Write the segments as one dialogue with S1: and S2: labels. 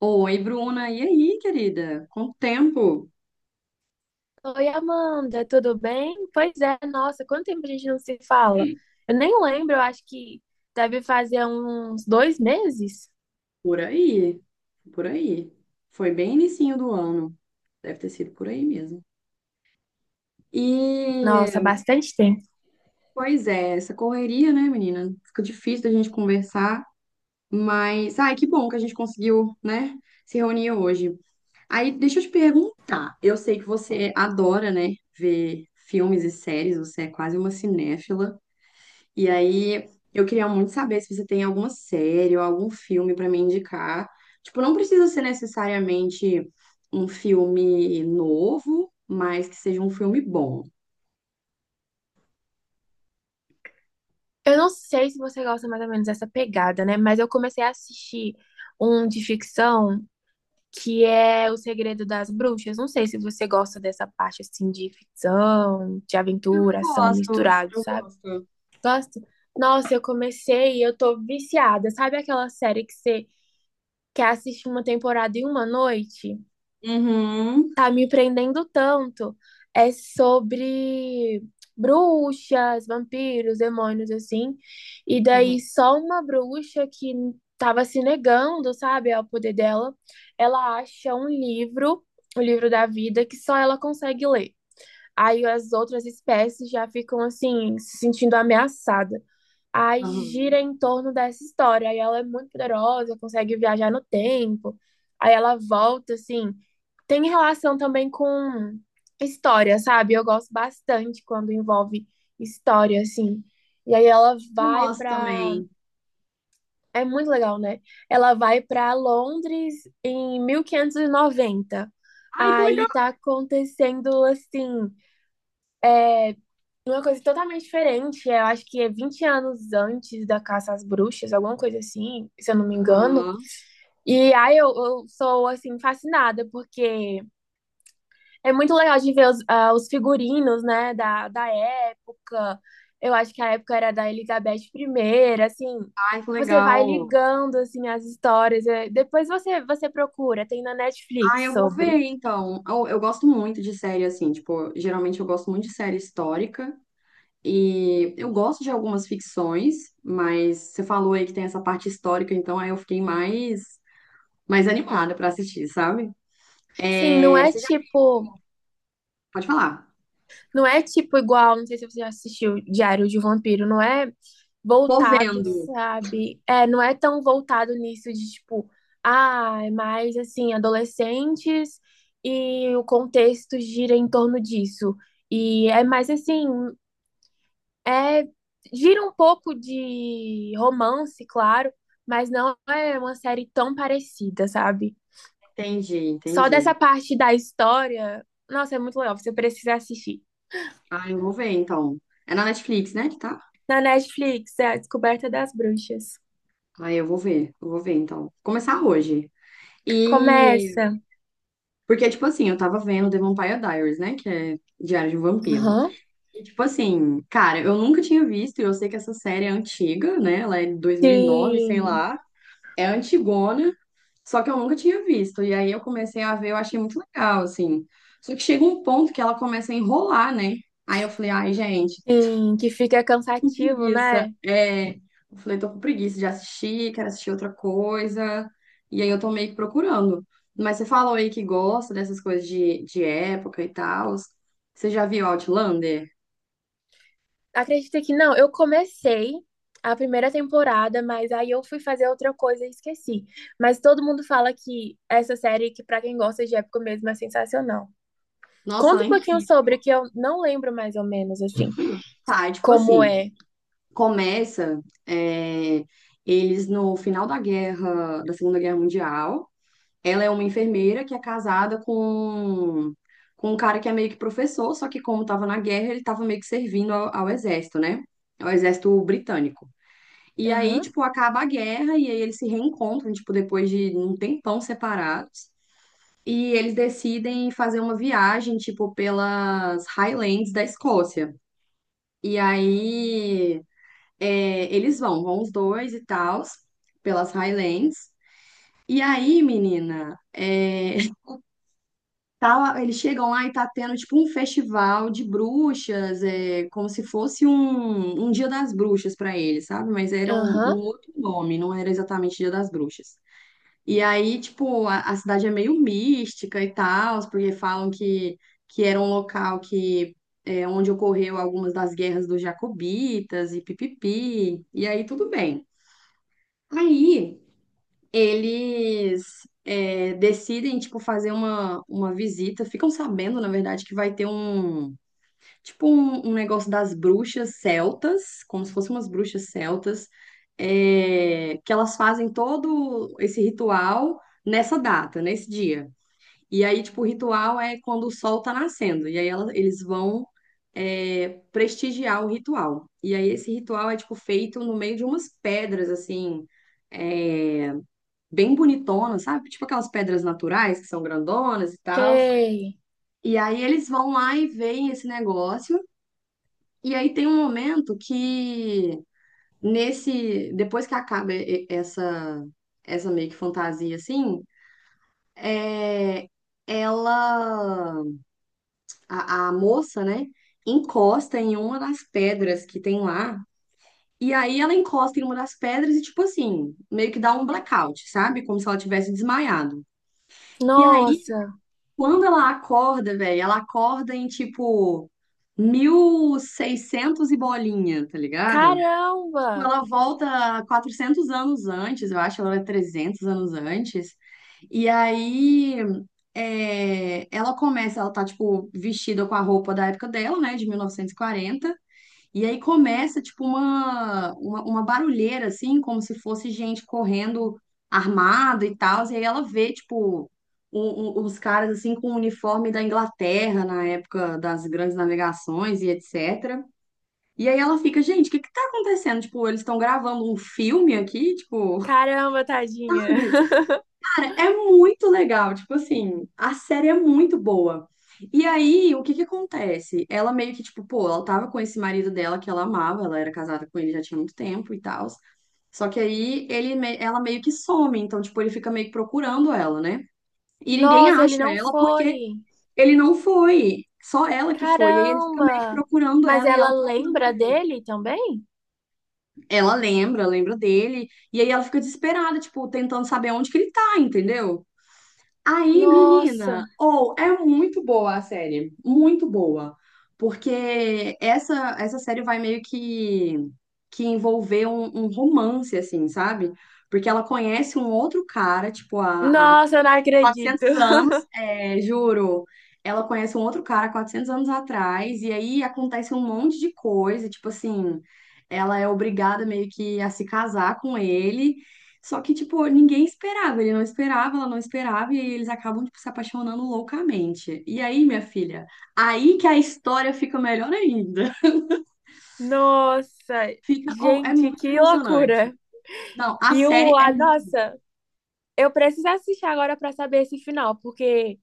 S1: Oi, Bruna, e aí, querida? Quanto tempo?
S2: Oi, Amanda, tudo bem? Pois é, nossa, quanto tempo a gente não se fala? Eu nem lembro, eu acho que deve fazer uns dois meses.
S1: Por aí, por aí. Foi bem inicinho do ano, deve ter sido por aí mesmo.
S2: Nossa,
S1: E,
S2: bastante tempo.
S1: pois é, essa correria, né, menina? Fica difícil da gente conversar, mas, ai, que bom que a gente conseguiu, né, se reunir hoje. Aí, deixa eu te perguntar, eu sei que você adora, né, ver filmes e séries, você é quase uma cinéfila. E aí, eu queria muito saber se você tem alguma série ou algum filme pra me indicar. Tipo, não precisa ser necessariamente um filme novo, mas que seja um filme bom.
S2: Eu não sei se você gosta mais ou menos dessa pegada, né? Mas eu comecei a assistir um de ficção que é O Segredo das Bruxas. Não sei se você gosta dessa parte assim de ficção, de
S1: Eu
S2: aventura, ação
S1: gosto,
S2: misturado,
S1: eu
S2: sabe?
S1: gosto.
S2: Gosta? Nossa, eu comecei e eu tô viciada. Sabe aquela série que você que assiste uma temporada em uma noite,
S1: Uhum.
S2: tá me prendendo tanto. É sobre bruxas, vampiros, demônios, assim. E
S1: Uhum.
S2: daí só uma bruxa que tava se negando, sabe, ao poder dela, ela acha um livro, o livro da vida, que só ela consegue ler. Aí as outras espécies já ficam assim, se sentindo ameaçadas. Aí gira
S1: Aham.
S2: em torno dessa história. Aí ela é muito poderosa, consegue viajar no tempo. Aí ela volta, assim. Tem relação também com história, sabe? Eu gosto bastante quando envolve história, assim. E aí ela
S1: Eu
S2: vai
S1: gosto
S2: pra.
S1: também.
S2: É muito legal, né? Ela vai pra Londres em 1590.
S1: Ai, que legal.
S2: Aí tá acontecendo, assim, uma coisa totalmente diferente, eu acho que é 20 anos antes da Caça às Bruxas, alguma coisa assim, se eu não me engano.
S1: Aham.
S2: E aí eu sou, assim, fascinada, porque é muito legal de ver os, os figurinos, né, da época. Eu acho que a época era da Elizabeth primeira assim,
S1: Ai, que
S2: você vai
S1: legal.
S2: ligando, assim, as histórias. Depois você procura, tem na
S1: Ai,
S2: Netflix
S1: eu vou ver,
S2: sobre.
S1: então. Eu gosto muito de série, assim, tipo, geralmente eu gosto muito de série histórica. E eu gosto de algumas ficções, mas você falou aí que tem essa parte histórica, então aí eu fiquei mais, animada pra assistir, sabe?
S2: Sim, não
S1: É,
S2: é
S1: você já
S2: tipo
S1: pode falar.
S2: Não é tipo igual, não sei se você já assistiu Diário de um Vampiro, não é
S1: Tô
S2: voltado,
S1: vendo.
S2: sabe? É, não é tão voltado nisso de tipo, é mais assim, adolescentes e o contexto gira em torno disso. E é mais assim, é gira um pouco de romance, claro, mas não é uma série tão parecida, sabe?
S1: Entendi,
S2: Só dessa
S1: entendi.
S2: parte da história, nossa, é muito legal, você precisa assistir.
S1: Ah, eu vou ver então. É na Netflix, né, que tá?
S2: Na Netflix, é a Descoberta das Bruxas.
S1: Ah, eu vou ver então. Vou começar hoje. E
S2: Começa.
S1: porque, tipo assim, eu tava vendo The Vampire Diaries, né? Que é Diário de um Vampiro.
S2: Aham.
S1: E, tipo assim, cara, eu nunca tinha visto, e eu sei que essa série é antiga, né? Ela é de 2009 sei
S2: Sim,
S1: lá. É antigona, só que eu nunca tinha visto. E aí eu comecei a ver, eu achei muito legal, assim. Só que chega um ponto que ela começa a enrolar, né? Aí eu falei, ai, gente,
S2: sim, que fica
S1: tô com
S2: cansativo,
S1: preguiça.
S2: né?
S1: É, eu falei, tô com preguiça de assistir, quero assistir outra coisa. E aí eu tô meio que procurando. Mas você falou aí que gosta dessas coisas de, época e tal. Você já viu Outlander?
S2: Acredita que não, eu comecei a primeira temporada, mas aí eu fui fazer outra coisa e esqueci. Mas todo mundo fala que essa série, que pra quem gosta de época mesmo, é sensacional.
S1: Nossa, ela
S2: Conta um
S1: é
S2: pouquinho
S1: incrível.
S2: sobre, que eu não lembro mais ou menos, assim,
S1: Tá, é tipo
S2: como
S1: assim.
S2: é.
S1: Começa, é, eles no final da guerra, da Segunda Guerra Mundial. Ela é uma enfermeira que é casada com, um cara que é meio que professor, só que como estava na guerra, ele estava meio que servindo ao exército, né? Ao exército britânico. E aí,
S2: Aham,
S1: tipo, acaba a guerra e aí eles se reencontram, tipo, depois de um tempão separados. E eles decidem fazer uma viagem, tipo, pelas Highlands da Escócia. E aí eles vão, os dois e tal, pelas Highlands. E aí, menina, eles chegam lá e tá tendo tipo um festival de bruxas, como se fosse um, um, Dia das Bruxas pra eles, sabe? Mas era um
S2: aham,
S1: outro nome, não era exatamente Dia das Bruxas. E aí, tipo, a, cidade é meio mística e tal, porque falam que era um local que onde ocorreu algumas das guerras dos Jacobitas e pipipi. E aí, tudo bem. Aí eles decidem, tipo, fazer uma visita. Ficam sabendo, na verdade, que vai ter tipo, um negócio das bruxas celtas, como se fossem umas bruxas celtas, que elas fazem todo esse ritual nessa data, nesse dia. E aí, tipo, o ritual é quando o sol tá nascendo. E aí eles vão prestigiar o ritual. E aí esse ritual é, tipo, feito no meio de umas pedras, assim é, bem bonitona, sabe? Tipo aquelas pedras naturais que são grandonas e tal.
S2: sei.
S1: E aí eles vão lá e veem esse negócio. E aí tem um momento que nesse, depois que acaba essa meio que fantasia assim, é, ela a moça, né, encosta em uma das pedras que tem lá. E aí ela encosta em uma das pedras e tipo assim, meio que dá um blackout, sabe? Como se ela tivesse desmaiado. E aí
S2: Nossa,
S1: quando ela acorda, velho, ela acorda em tipo 1600 e seiscentos e bolinha, tá ligado? Tipo,
S2: caramba!
S1: ela volta 400 anos antes, eu acho, ela é 300 anos antes. E aí ela tá tipo vestida com a roupa da época dela, né, de 1940. E aí começa, tipo, uma barulheira, assim, como se fosse gente correndo armado e tal. E aí ela vê, tipo, os caras, assim, com o uniforme da Inglaterra na época das grandes navegações e etc. E aí ela fica, gente, o que que tá acontecendo? Tipo, eles estão gravando um filme aqui, tipo,
S2: Caramba, tadinha.
S1: Cara, é muito legal, tipo assim, a série é muito boa. E aí, o que que acontece? Ela meio que, tipo, pô, ela tava com esse marido dela que ela amava, ela era casada com ele já tinha muito tempo e tal. Só que aí ela meio que some, então, tipo, ele fica meio que procurando ela, né? E ninguém
S2: Nossa, ele
S1: acha
S2: não
S1: ela porque
S2: foi.
S1: ele não foi, só ela que foi. E aí ele fica meio que
S2: Caramba.
S1: procurando
S2: Mas
S1: ela e
S2: ela
S1: ela procurando
S2: lembra
S1: ele.
S2: dele também?
S1: Ela lembra, lembra dele, e aí ela fica desesperada, tipo, tentando saber onde que ele tá, entendeu? Aí,
S2: Nossa.
S1: menina, ou é muito boa a série, muito boa, porque essa série vai meio que envolver um romance assim, sabe? Porque ela conhece um outro cara, tipo a
S2: Nossa, eu não acredito.
S1: 400 anos, é, juro. Ela conhece um outro cara 400 anos atrás, e aí acontece um monte de coisa, tipo assim, ela é obrigada meio que a se casar com ele. Só que, tipo, ninguém esperava, ele não esperava, ela não esperava, e aí eles acabam, tipo, se apaixonando loucamente. E aí, minha filha, aí que a história fica melhor ainda.
S2: Nossa.
S1: Fica, oh, é
S2: Gente,
S1: muito
S2: que
S1: emocionante.
S2: loucura.
S1: Não, a
S2: E
S1: série
S2: o,
S1: é
S2: a,
S1: muito boa.
S2: nossa, eu preciso assistir agora pra saber esse final, porque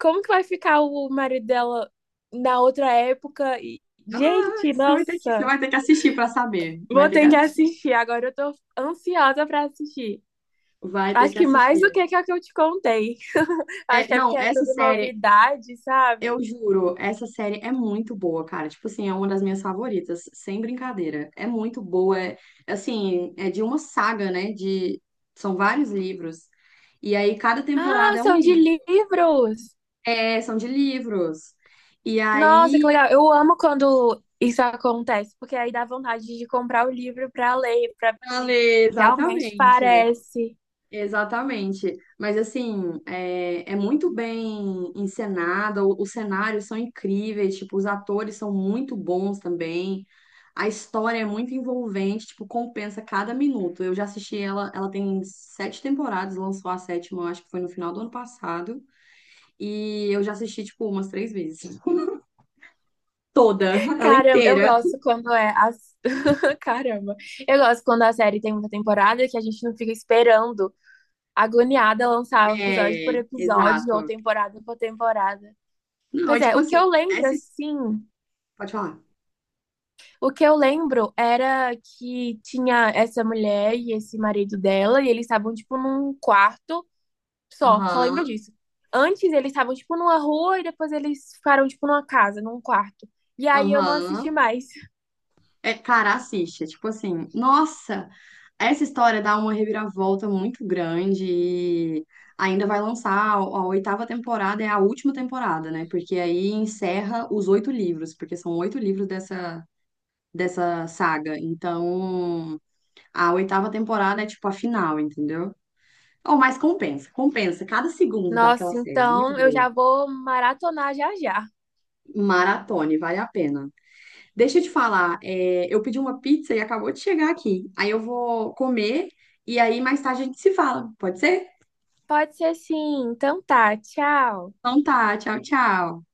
S2: como que vai ficar o marido dela na outra época? E,
S1: Ah,
S2: gente,
S1: você vai ter que, você
S2: nossa.
S1: vai ter que assistir pra saber. Vai
S2: Vou
S1: ter que
S2: ter que
S1: assistir.
S2: assistir. Agora eu tô ansiosa pra assistir.
S1: Vai ter
S2: Acho
S1: que
S2: que mais do
S1: assistir.
S2: que é que eu te contei. Acho
S1: É,
S2: que é
S1: não,
S2: porque é
S1: essa
S2: tudo
S1: série,
S2: novidade,
S1: eu
S2: sabe?
S1: juro, essa série é muito boa, cara. Tipo assim, é uma das minhas favoritas, sem brincadeira. É muito boa. É, assim, é de uma saga, né? São vários livros. E aí, cada
S2: Ah,
S1: temporada é um
S2: são de
S1: livro.
S2: livros!
S1: É, são de livros. E
S2: Nossa, que
S1: aí,
S2: legal. Eu amo quando isso acontece, porque aí dá vontade de comprar o livro para ler, para ver
S1: Ale,
S2: se realmente
S1: exatamente.
S2: parece.
S1: Exatamente. Mas assim, é muito bem encenada, os cenários são incríveis, tipo, os atores são muito bons também. A história é muito envolvente, tipo, compensa cada minuto. Eu já assisti ela, ela tem sete temporadas, lançou a sétima, eu acho que foi no final do ano passado, e eu já assisti, tipo, umas três vezes. Toda, ela
S2: Caramba, eu
S1: inteira.
S2: gosto quando é as... Caramba. Eu gosto quando a série tem muita temporada que a gente não fica esperando, agoniada, lançar episódio por
S1: É,
S2: episódio ou
S1: exato.
S2: temporada por temporada.
S1: Não, é
S2: Pois é,
S1: tipo
S2: o que
S1: assim,
S2: eu lembro,
S1: essa.
S2: assim,
S1: Pode falar.
S2: o que eu lembro era que tinha essa mulher e esse marido dela, e eles estavam, tipo, num quarto só. Só lembro
S1: Aham,
S2: disso. Antes eles estavam, tipo, numa rua e depois eles ficaram, tipo, numa casa, num quarto. E aí eu não assisti
S1: aham.
S2: mais.
S1: É, cara, assiste. É tipo assim, nossa, essa história dá uma reviravolta muito grande e ainda vai lançar a, oitava temporada, é a última temporada, né? Porque aí encerra os oito livros, porque são oito livros dessa saga. Então, a oitava temporada é tipo a final, entendeu? Oh, mas compensa, compensa. Cada segundo daquela
S2: Nossa,
S1: série é muito
S2: então eu
S1: boa.
S2: já vou maratonar já já.
S1: Maratone, vale a pena. Deixa eu te falar, eu pedi uma pizza e acabou de chegar aqui. Aí eu vou comer e aí mais tarde a gente se fala, pode ser?
S2: Pode ser sim. Então tá, tchau.
S1: Então tá, tchau, tchau.